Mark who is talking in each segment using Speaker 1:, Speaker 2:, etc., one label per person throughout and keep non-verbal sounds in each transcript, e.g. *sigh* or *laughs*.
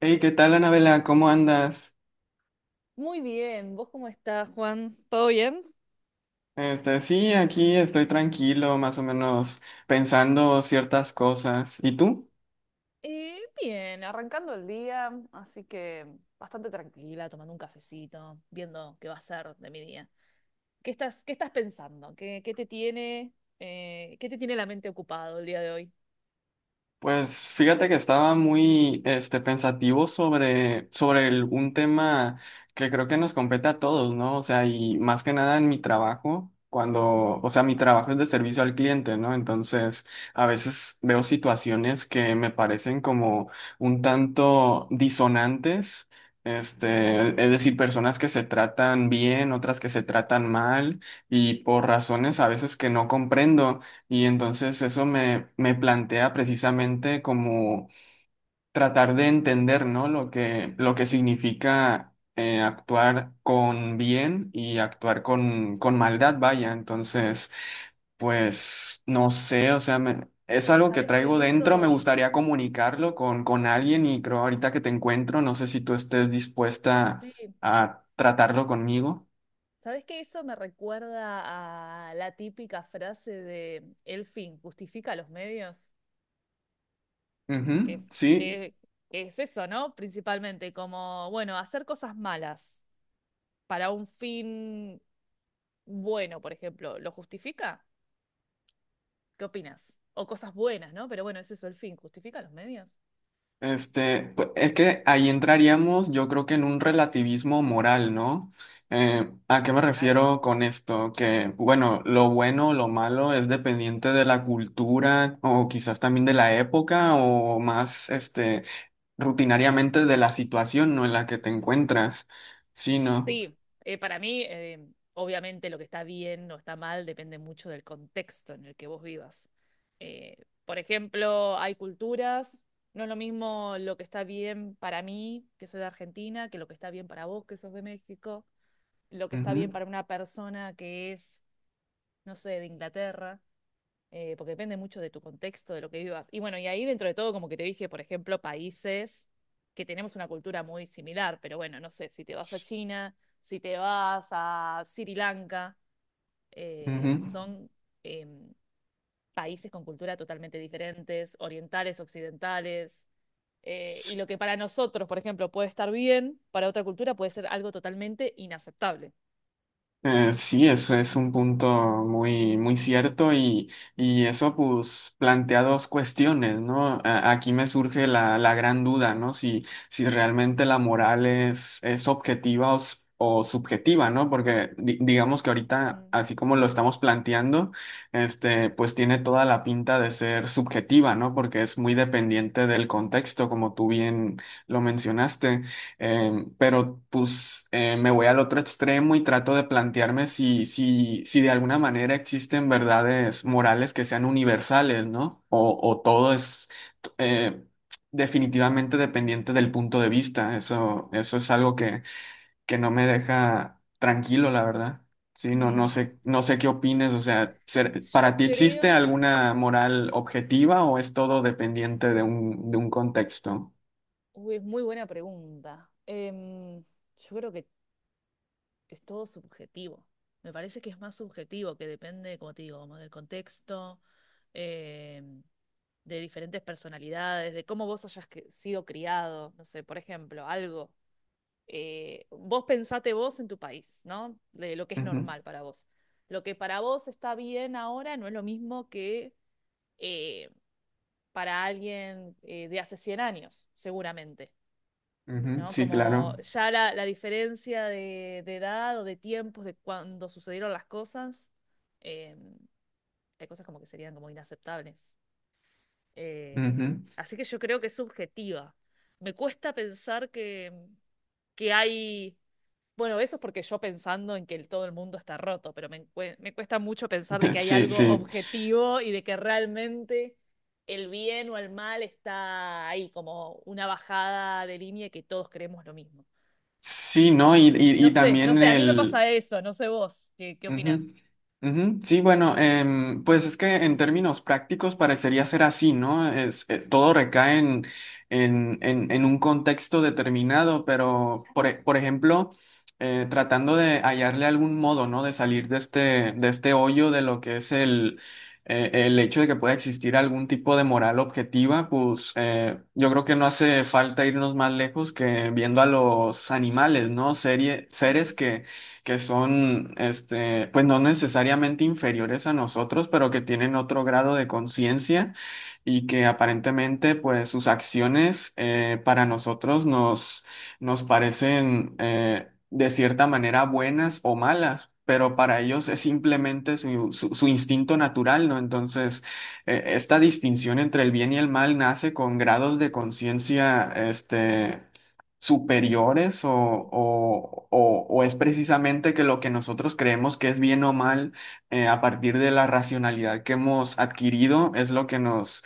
Speaker 1: Hey, ¿qué tal, Anabela? ¿Cómo andas?
Speaker 2: Muy bien, ¿vos cómo estás, Juan? ¿Todo bien?
Speaker 1: Sí, aquí estoy tranquilo, más o menos pensando ciertas cosas. ¿Y tú?
Speaker 2: Bien, arrancando el día, así que bastante tranquila, tomando un cafecito, viendo qué va a ser de mi día. ¿Qué estás pensando? ¿Qué te tiene la mente ocupado el día de hoy?
Speaker 1: Pues fíjate que estaba muy pensativo sobre un tema que creo que nos compete a todos, ¿no? O sea, y más que nada en mi trabajo, cuando, o sea, mi trabajo es de servicio al cliente, ¿no? Entonces, a veces veo situaciones que me parecen como un tanto disonantes. Es decir, personas que se tratan bien, otras que se tratan mal, y por razones a veces que no comprendo. Y entonces me plantea precisamente como tratar de entender, ¿no? Lo que significa actuar con bien y actuar con maldad, vaya. Entonces, pues no sé, o sea, es algo que
Speaker 2: ¿Sabes
Speaker 1: traigo
Speaker 2: que
Speaker 1: dentro, me
Speaker 2: eso,
Speaker 1: gustaría comunicarlo con alguien y creo ahorita que te encuentro, no sé si tú estés dispuesta
Speaker 2: sí.
Speaker 1: a tratarlo conmigo.
Speaker 2: ¿Sabes que eso me recuerda a la típica frase de el fin justifica los medios? Que
Speaker 1: Ujú,
Speaker 2: es,
Speaker 1: sí.
Speaker 2: que, que es eso, ¿no? Principalmente, como, bueno, hacer cosas malas para un fin bueno, por ejemplo, ¿lo justifica? ¿Qué opinas? O cosas buenas, ¿no? Pero bueno, es eso el fin. ¿Justifica los medios?
Speaker 1: Es que ahí entraríamos, yo creo que en un relativismo moral, ¿no? ¿A qué me
Speaker 2: Claro.
Speaker 1: refiero con esto? Que, bueno, lo bueno o lo malo es dependiente de la cultura o quizás también de la época o más, rutinariamente de la situación, ¿no? En la que te encuentras, sí, no.
Speaker 2: Sí, para mí, obviamente lo que está bien o está mal depende mucho del contexto en el que vos vivas. Eh, por ejemplo, hay culturas, no es lo mismo lo que está bien para mí, que soy de Argentina, que lo que está bien para vos, que sos de México, lo que está
Speaker 1: Ujú.
Speaker 2: bien para una persona que es, no sé, de Inglaterra, porque depende mucho de tu contexto, de lo que vivas. Y bueno, y ahí dentro de todo, como que te dije, por ejemplo, países que tenemos una cultura muy similar, pero bueno, no sé, si te vas a China, si te vas a Sri Lanka,
Speaker 1: Ujú.
Speaker 2: son em, países con cultura totalmente diferentes, orientales, occidentales. Y lo que para nosotros, por ejemplo, puede estar bien, para otra cultura puede ser algo totalmente inaceptable.
Speaker 1: Sí, eso es un punto muy cierto y eso pues plantea dos cuestiones, ¿no? Aquí me surge la gran duda, ¿no? Si, si realmente la moral es objetiva o o subjetiva, ¿no? Porque digamos que ahorita,
Speaker 2: Mm,
Speaker 1: así como lo estamos planteando, pues tiene toda la pinta de ser subjetiva, ¿no? Porque es muy dependiente del contexto, como tú bien lo mencionaste. Pero pues me voy al otro extremo y trato de plantearme si de alguna manera existen verdades morales que sean universales, ¿no? O todo es t- eh, definitivamente dependiente del punto de vista. Eso es algo que no me deja tranquilo, la verdad. Sí, no, no
Speaker 2: mm,
Speaker 1: sé, no sé qué opines. O sea, ¿para
Speaker 2: Yo
Speaker 1: ti existe
Speaker 2: creo
Speaker 1: alguna moral objetiva o es todo dependiente de un contexto?
Speaker 2: Uy, es muy buena pregunta. Yo creo que es todo subjetivo. Me parece que es más subjetivo, que depende, como te digo, como del contexto, em, de diferentes personalidades, de cómo vos hayas sido criado. No sé, por ejemplo, algo. Vos pensate vos en tu país, ¿no? De lo que es
Speaker 1: Ujú,
Speaker 2: normal para vos. Lo que para vos está bien ahora no es lo mismo que, eh, para alguien, de hace 100 años, seguramente.
Speaker 1: ujú,
Speaker 2: ¿No?
Speaker 1: sí,
Speaker 2: Como
Speaker 1: claro.
Speaker 2: ya la, diferencia de edad o de tiempos de cuando sucedieron las cosas, eh, hay cosas como que serían como inaceptables.
Speaker 1: Ujú. *laughs*
Speaker 2: Así que yo creo que es subjetiva. Me cuesta pensar que, que hay. Bueno, eso es porque yo pensando en que todo el mundo está roto, pero me cuesta mucho pensar de que hay
Speaker 1: Sí,
Speaker 2: algo
Speaker 1: sí,
Speaker 2: objetivo y de que realmente el bien o el mal está ahí, como una bajada de línea que todos creemos lo mismo.
Speaker 1: sí, ¿no? Y, y
Speaker 2: No sé, no
Speaker 1: también
Speaker 2: sé, a mí me
Speaker 1: el...
Speaker 2: pasa eso, no sé vos, ¿qué opinás?
Speaker 1: Ujú, ujú. Sí, bueno, pues es que en términos prácticos parecería ser así, ¿no? Es, todo recae en en- un contexto determinado, pero por ejemplo, tratando de hallarle algún modo, ¿no? De salir de este hoyo de lo que es el hecho de que pueda existir algún tipo de moral objetiva, pues yo creo que no hace falta irnos más lejos que viendo a los animales, ¿no? Seres
Speaker 2: Ujú.
Speaker 1: que son, pues no necesariamente inferiores a nosotros, pero que tienen otro grado de conciencia y que aparentemente, pues sus acciones para nosotros nos parecen de cierta manera buenas o malas. Pero para ellos es simplemente su, su instinto natural, ¿no? Entonces, esta distinción entre el bien y el mal nace con grados de conciencia, superiores o o es precisamente que lo que nosotros creemos que es bien o mal a partir de la racionalidad que hemos adquirido es lo que nos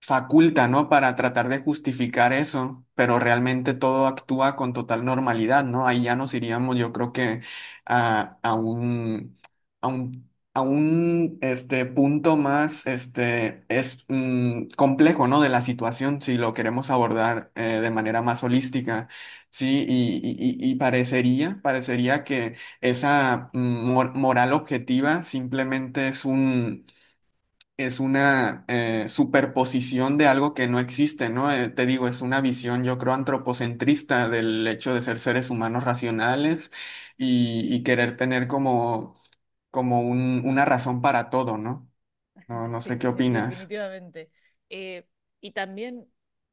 Speaker 1: faculta, ¿no? Para tratar de justificar eso, pero realmente todo actúa con total normalidad, ¿no? Ahí ya nos iríamos, yo creo que a, a un, a un punto más complejo, ¿no? De la situación, si lo queremos abordar de manera más holística, ¿sí? Y y parecería, parecería que esa moral objetiva simplemente es una superposición de algo que no existe, ¿no? Te digo, es una visión, yo creo, antropocentrista del hecho de ser seres humanos racionales y querer tener como, una razón para todo, ¿no? No,
Speaker 2: *laughs*
Speaker 1: no
Speaker 2: Sí,
Speaker 1: sé qué opinas.
Speaker 2: definitivamente. Eh, y también,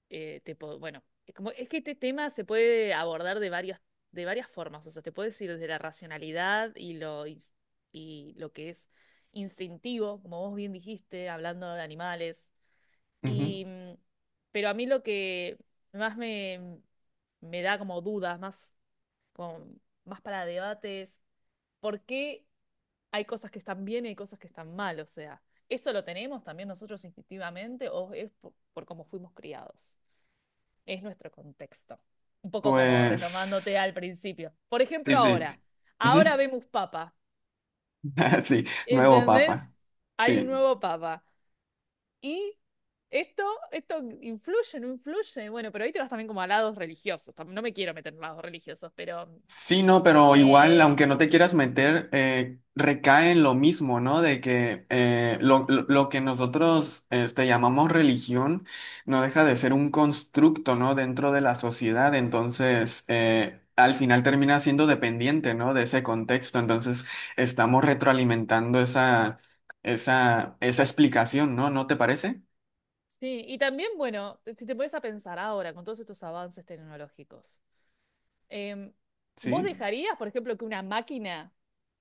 Speaker 2: bueno, es como, es que este tema se puede abordar de varias, formas, o sea, te puedes ir desde la racionalidad y lo, que es instintivo, como vos bien dijiste, hablando de animales.
Speaker 1: Ujú.
Speaker 2: Y, mm, pero a mí lo que más me da como dudas, más, como, más para debates, por qué hay cosas que están bien y hay cosas que están mal. O sea, ¿eso lo tenemos también nosotros instintivamente o es por, cómo fuimos criados? Es nuestro contexto. Un poco como retomándote
Speaker 1: Pues,
Speaker 2: al principio. Por
Speaker 1: sí,
Speaker 2: ejemplo,
Speaker 1: sí.
Speaker 2: ahora. Ahora
Speaker 1: Ujú.
Speaker 2: vemos papa.
Speaker 1: *laughs* Sí, nuevo
Speaker 2: ¿Entendés?
Speaker 1: papa.
Speaker 2: Hay un
Speaker 1: Sí.
Speaker 2: nuevo papa. Y esto, esto influye, no influye. Bueno, pero ahí te vas también como a lados religiosos. No me quiero meter en lados religiosos, pero.
Speaker 1: Sí, no, pero igual,
Speaker 2: eh,
Speaker 1: aunque no te quieras meter, recae en lo mismo, ¿no? De que lo que nosotros llamamos religión no deja de ser un constructo, ¿no? Dentro de la sociedad,
Speaker 2: es un-
Speaker 1: entonces al final termina siendo dependiente, ¿no? De ese contexto, entonces estamos retroalimentando esa explicación, ¿no? ¿No te parece?
Speaker 2: Sí, y también, bueno, si te pones a pensar ahora con todos estos avances tecnológicos, em, ¿vos
Speaker 1: Sí.
Speaker 2: dejarías, por ejemplo, que una máquina,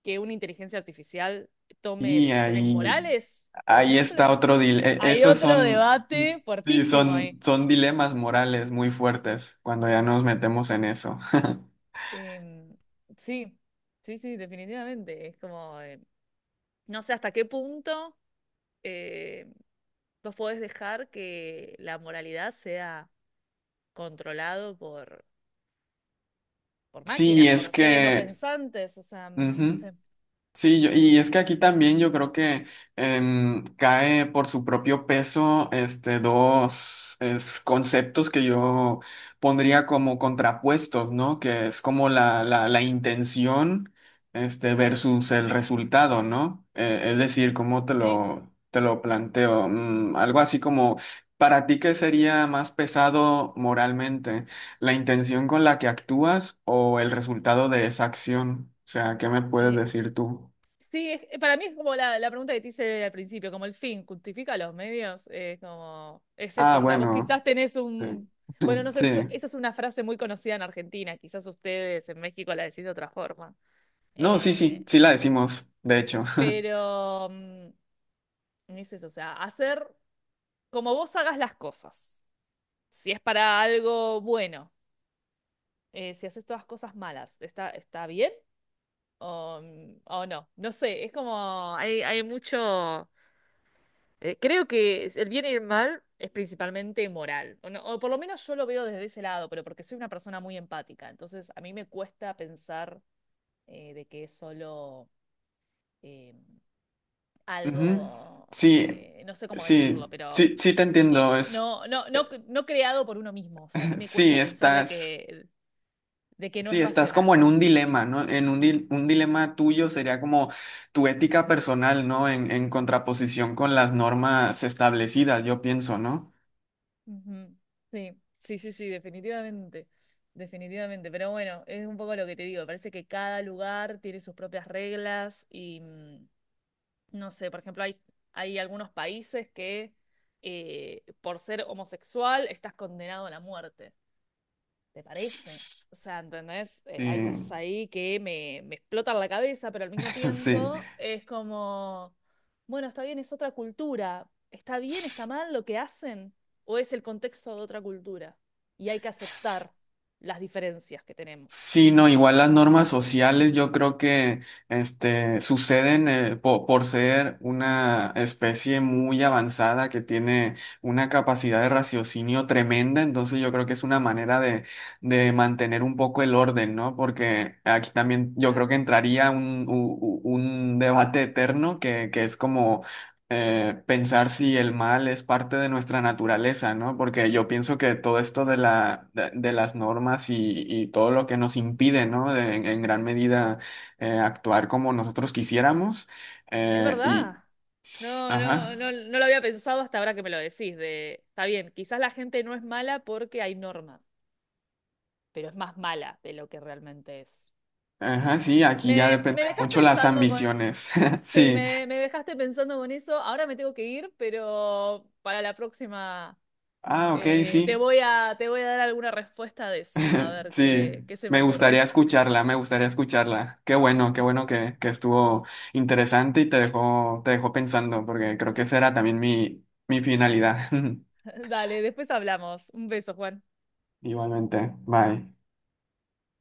Speaker 2: que una inteligencia artificial tome
Speaker 1: Y
Speaker 2: decisiones
Speaker 1: ahí...
Speaker 2: morales, por
Speaker 1: Ahí está
Speaker 2: ejemplo?
Speaker 1: otro dilema.
Speaker 2: Hay
Speaker 1: Esos
Speaker 2: otro
Speaker 1: son,
Speaker 2: debate
Speaker 1: sí,
Speaker 2: fuertísimo ahí.
Speaker 1: son, son dilemas morales muy fuertes cuando ya nos metemos en eso. *laughs*
Speaker 2: Em, sí, sí, sí, definitivamente. Es como, no sé hasta qué punto, eh, vos podés dejar que la moralidad sea controlado por
Speaker 1: Sí,
Speaker 2: máquinas, por
Speaker 1: es
Speaker 2: seres no
Speaker 1: que
Speaker 2: pensantes, o sea, no sé,
Speaker 1: ujú. Sí, y es que aquí también yo creo que cae por su propio peso dos conceptos que yo pondría como contrapuestos, ¿no? Que es como la intención versus el resultado, ¿no? Es decir, ¿cómo
Speaker 2: sí.
Speaker 1: te lo planteo? Mm, algo así como, ¿para ti qué sería más pesado moralmente? ¿La intención con la que actúas o el resultado de esa acción? O sea, ¿qué me puedes
Speaker 2: Eh,
Speaker 1: decir tú?
Speaker 2: sí, para mí es como la, pregunta que te hice al principio, como el fin, ¿justifica los medios? Es como, es
Speaker 1: Ah,
Speaker 2: eso, o sea, vos
Speaker 1: bueno.
Speaker 2: quizás tenés
Speaker 1: eh,
Speaker 2: bueno,
Speaker 1: *laughs*
Speaker 2: no sé,
Speaker 1: Sí.
Speaker 2: eso es una frase muy conocida en Argentina, quizás ustedes en México la decís de otra forma.
Speaker 1: No, sí, sí,
Speaker 2: Eh,
Speaker 1: sí la decimos, de hecho. *laughs*
Speaker 2: pero es eso, o sea, hacer como vos hagas las cosas, si es para algo bueno, si haces todas cosas malas, ¿está bien? O, o no, no sé, es como hay mucho, creo que el bien y el mal es principalmente moral, o, no- o por lo menos yo lo veo desde ese lado, pero porque soy una persona muy empática, entonces a mí me cuesta pensar, de que es solo, eh,
Speaker 1: Ujú.
Speaker 2: algo,
Speaker 1: Sí,
Speaker 2: no sé cómo
Speaker 1: sí,
Speaker 2: decirlo, pero
Speaker 1: sí, sí te entiendo. Es,
Speaker 2: no, no creado por uno mismo, o sea, a mí
Speaker 1: *clears throat*
Speaker 2: me cuesta
Speaker 1: sí,
Speaker 2: pensar de
Speaker 1: estás,
Speaker 2: que, de que no
Speaker 1: sí,
Speaker 2: es
Speaker 1: estás como
Speaker 2: racional.
Speaker 1: en un dilema, ¿no? Un dilema tuyo sería como tu ética personal, ¿no? En contraposición con las normas establecidas, yo pienso, ¿no?
Speaker 2: Ujú. Sí, sí, sí, sí, definitivamente, definitivamente. Pero bueno, es un poco lo que te digo. Parece que cada lugar tiene sus propias reglas y no sé, por ejemplo, hay algunos países que, por ser homosexual estás condenado a la muerte. ¿Te parece? O sea, ¿entendés?
Speaker 1: Sí,
Speaker 2: Hay cosas ahí que me explotan la cabeza, pero al mismo tiempo
Speaker 1: *laughs*
Speaker 2: es como, bueno, está bien, es otra cultura. ¿Está bien, está mal lo que hacen? ¿O es el contexto de otra cultura? Y hay que
Speaker 1: sí.
Speaker 2: aceptar las diferencias que tenemos.
Speaker 1: Sí, no, igual las
Speaker 2: Eh,
Speaker 1: normas sociales yo creo que suceden por ser una especie muy avanzada que tiene una capacidad de raciocinio tremenda, entonces yo creo que es una manera de mantener un poco el orden, ¿no? Porque aquí también yo creo
Speaker 2: Claro.
Speaker 1: que entraría un debate eterno que es como pensar si el mal es parte de nuestra naturaleza, ¿no? Porque yo pienso que todo esto de de las normas y todo lo que nos impide, ¿no? En gran medida actuar como nosotros quisiéramos.
Speaker 2: Es
Speaker 1: eh, y,
Speaker 2: verdad. No, no,
Speaker 1: ajá,
Speaker 2: no, no lo había pensado hasta ahora que me lo decís, está bien, quizás la gente no es mala porque hay normas, pero es más mala de lo que realmente es.
Speaker 1: ajá, sí, aquí ya
Speaker 2: Me
Speaker 1: depende
Speaker 2: dejas
Speaker 1: mucho las
Speaker 2: pensando con...
Speaker 1: ambiciones. *laughs*
Speaker 2: Sí,
Speaker 1: Sí.
Speaker 2: me dejaste pensando con eso. Ahora me tengo que ir, pero para la próxima,
Speaker 1: Ah, ok,
Speaker 2: te
Speaker 1: sí.
Speaker 2: voy a, te voy a dar alguna respuesta de eso. A
Speaker 1: *laughs*
Speaker 2: ver
Speaker 1: Sí,
Speaker 2: qué se me
Speaker 1: me gustaría
Speaker 2: ocurre.
Speaker 1: escucharla, me gustaría escucharla. Qué bueno que estuvo interesante y te dejó pensando, porque creo que esa era también mi finalidad. *laughs*
Speaker 2: *laughs* Dale, después hablamos. Un beso, Juan.
Speaker 1: Igualmente, bye.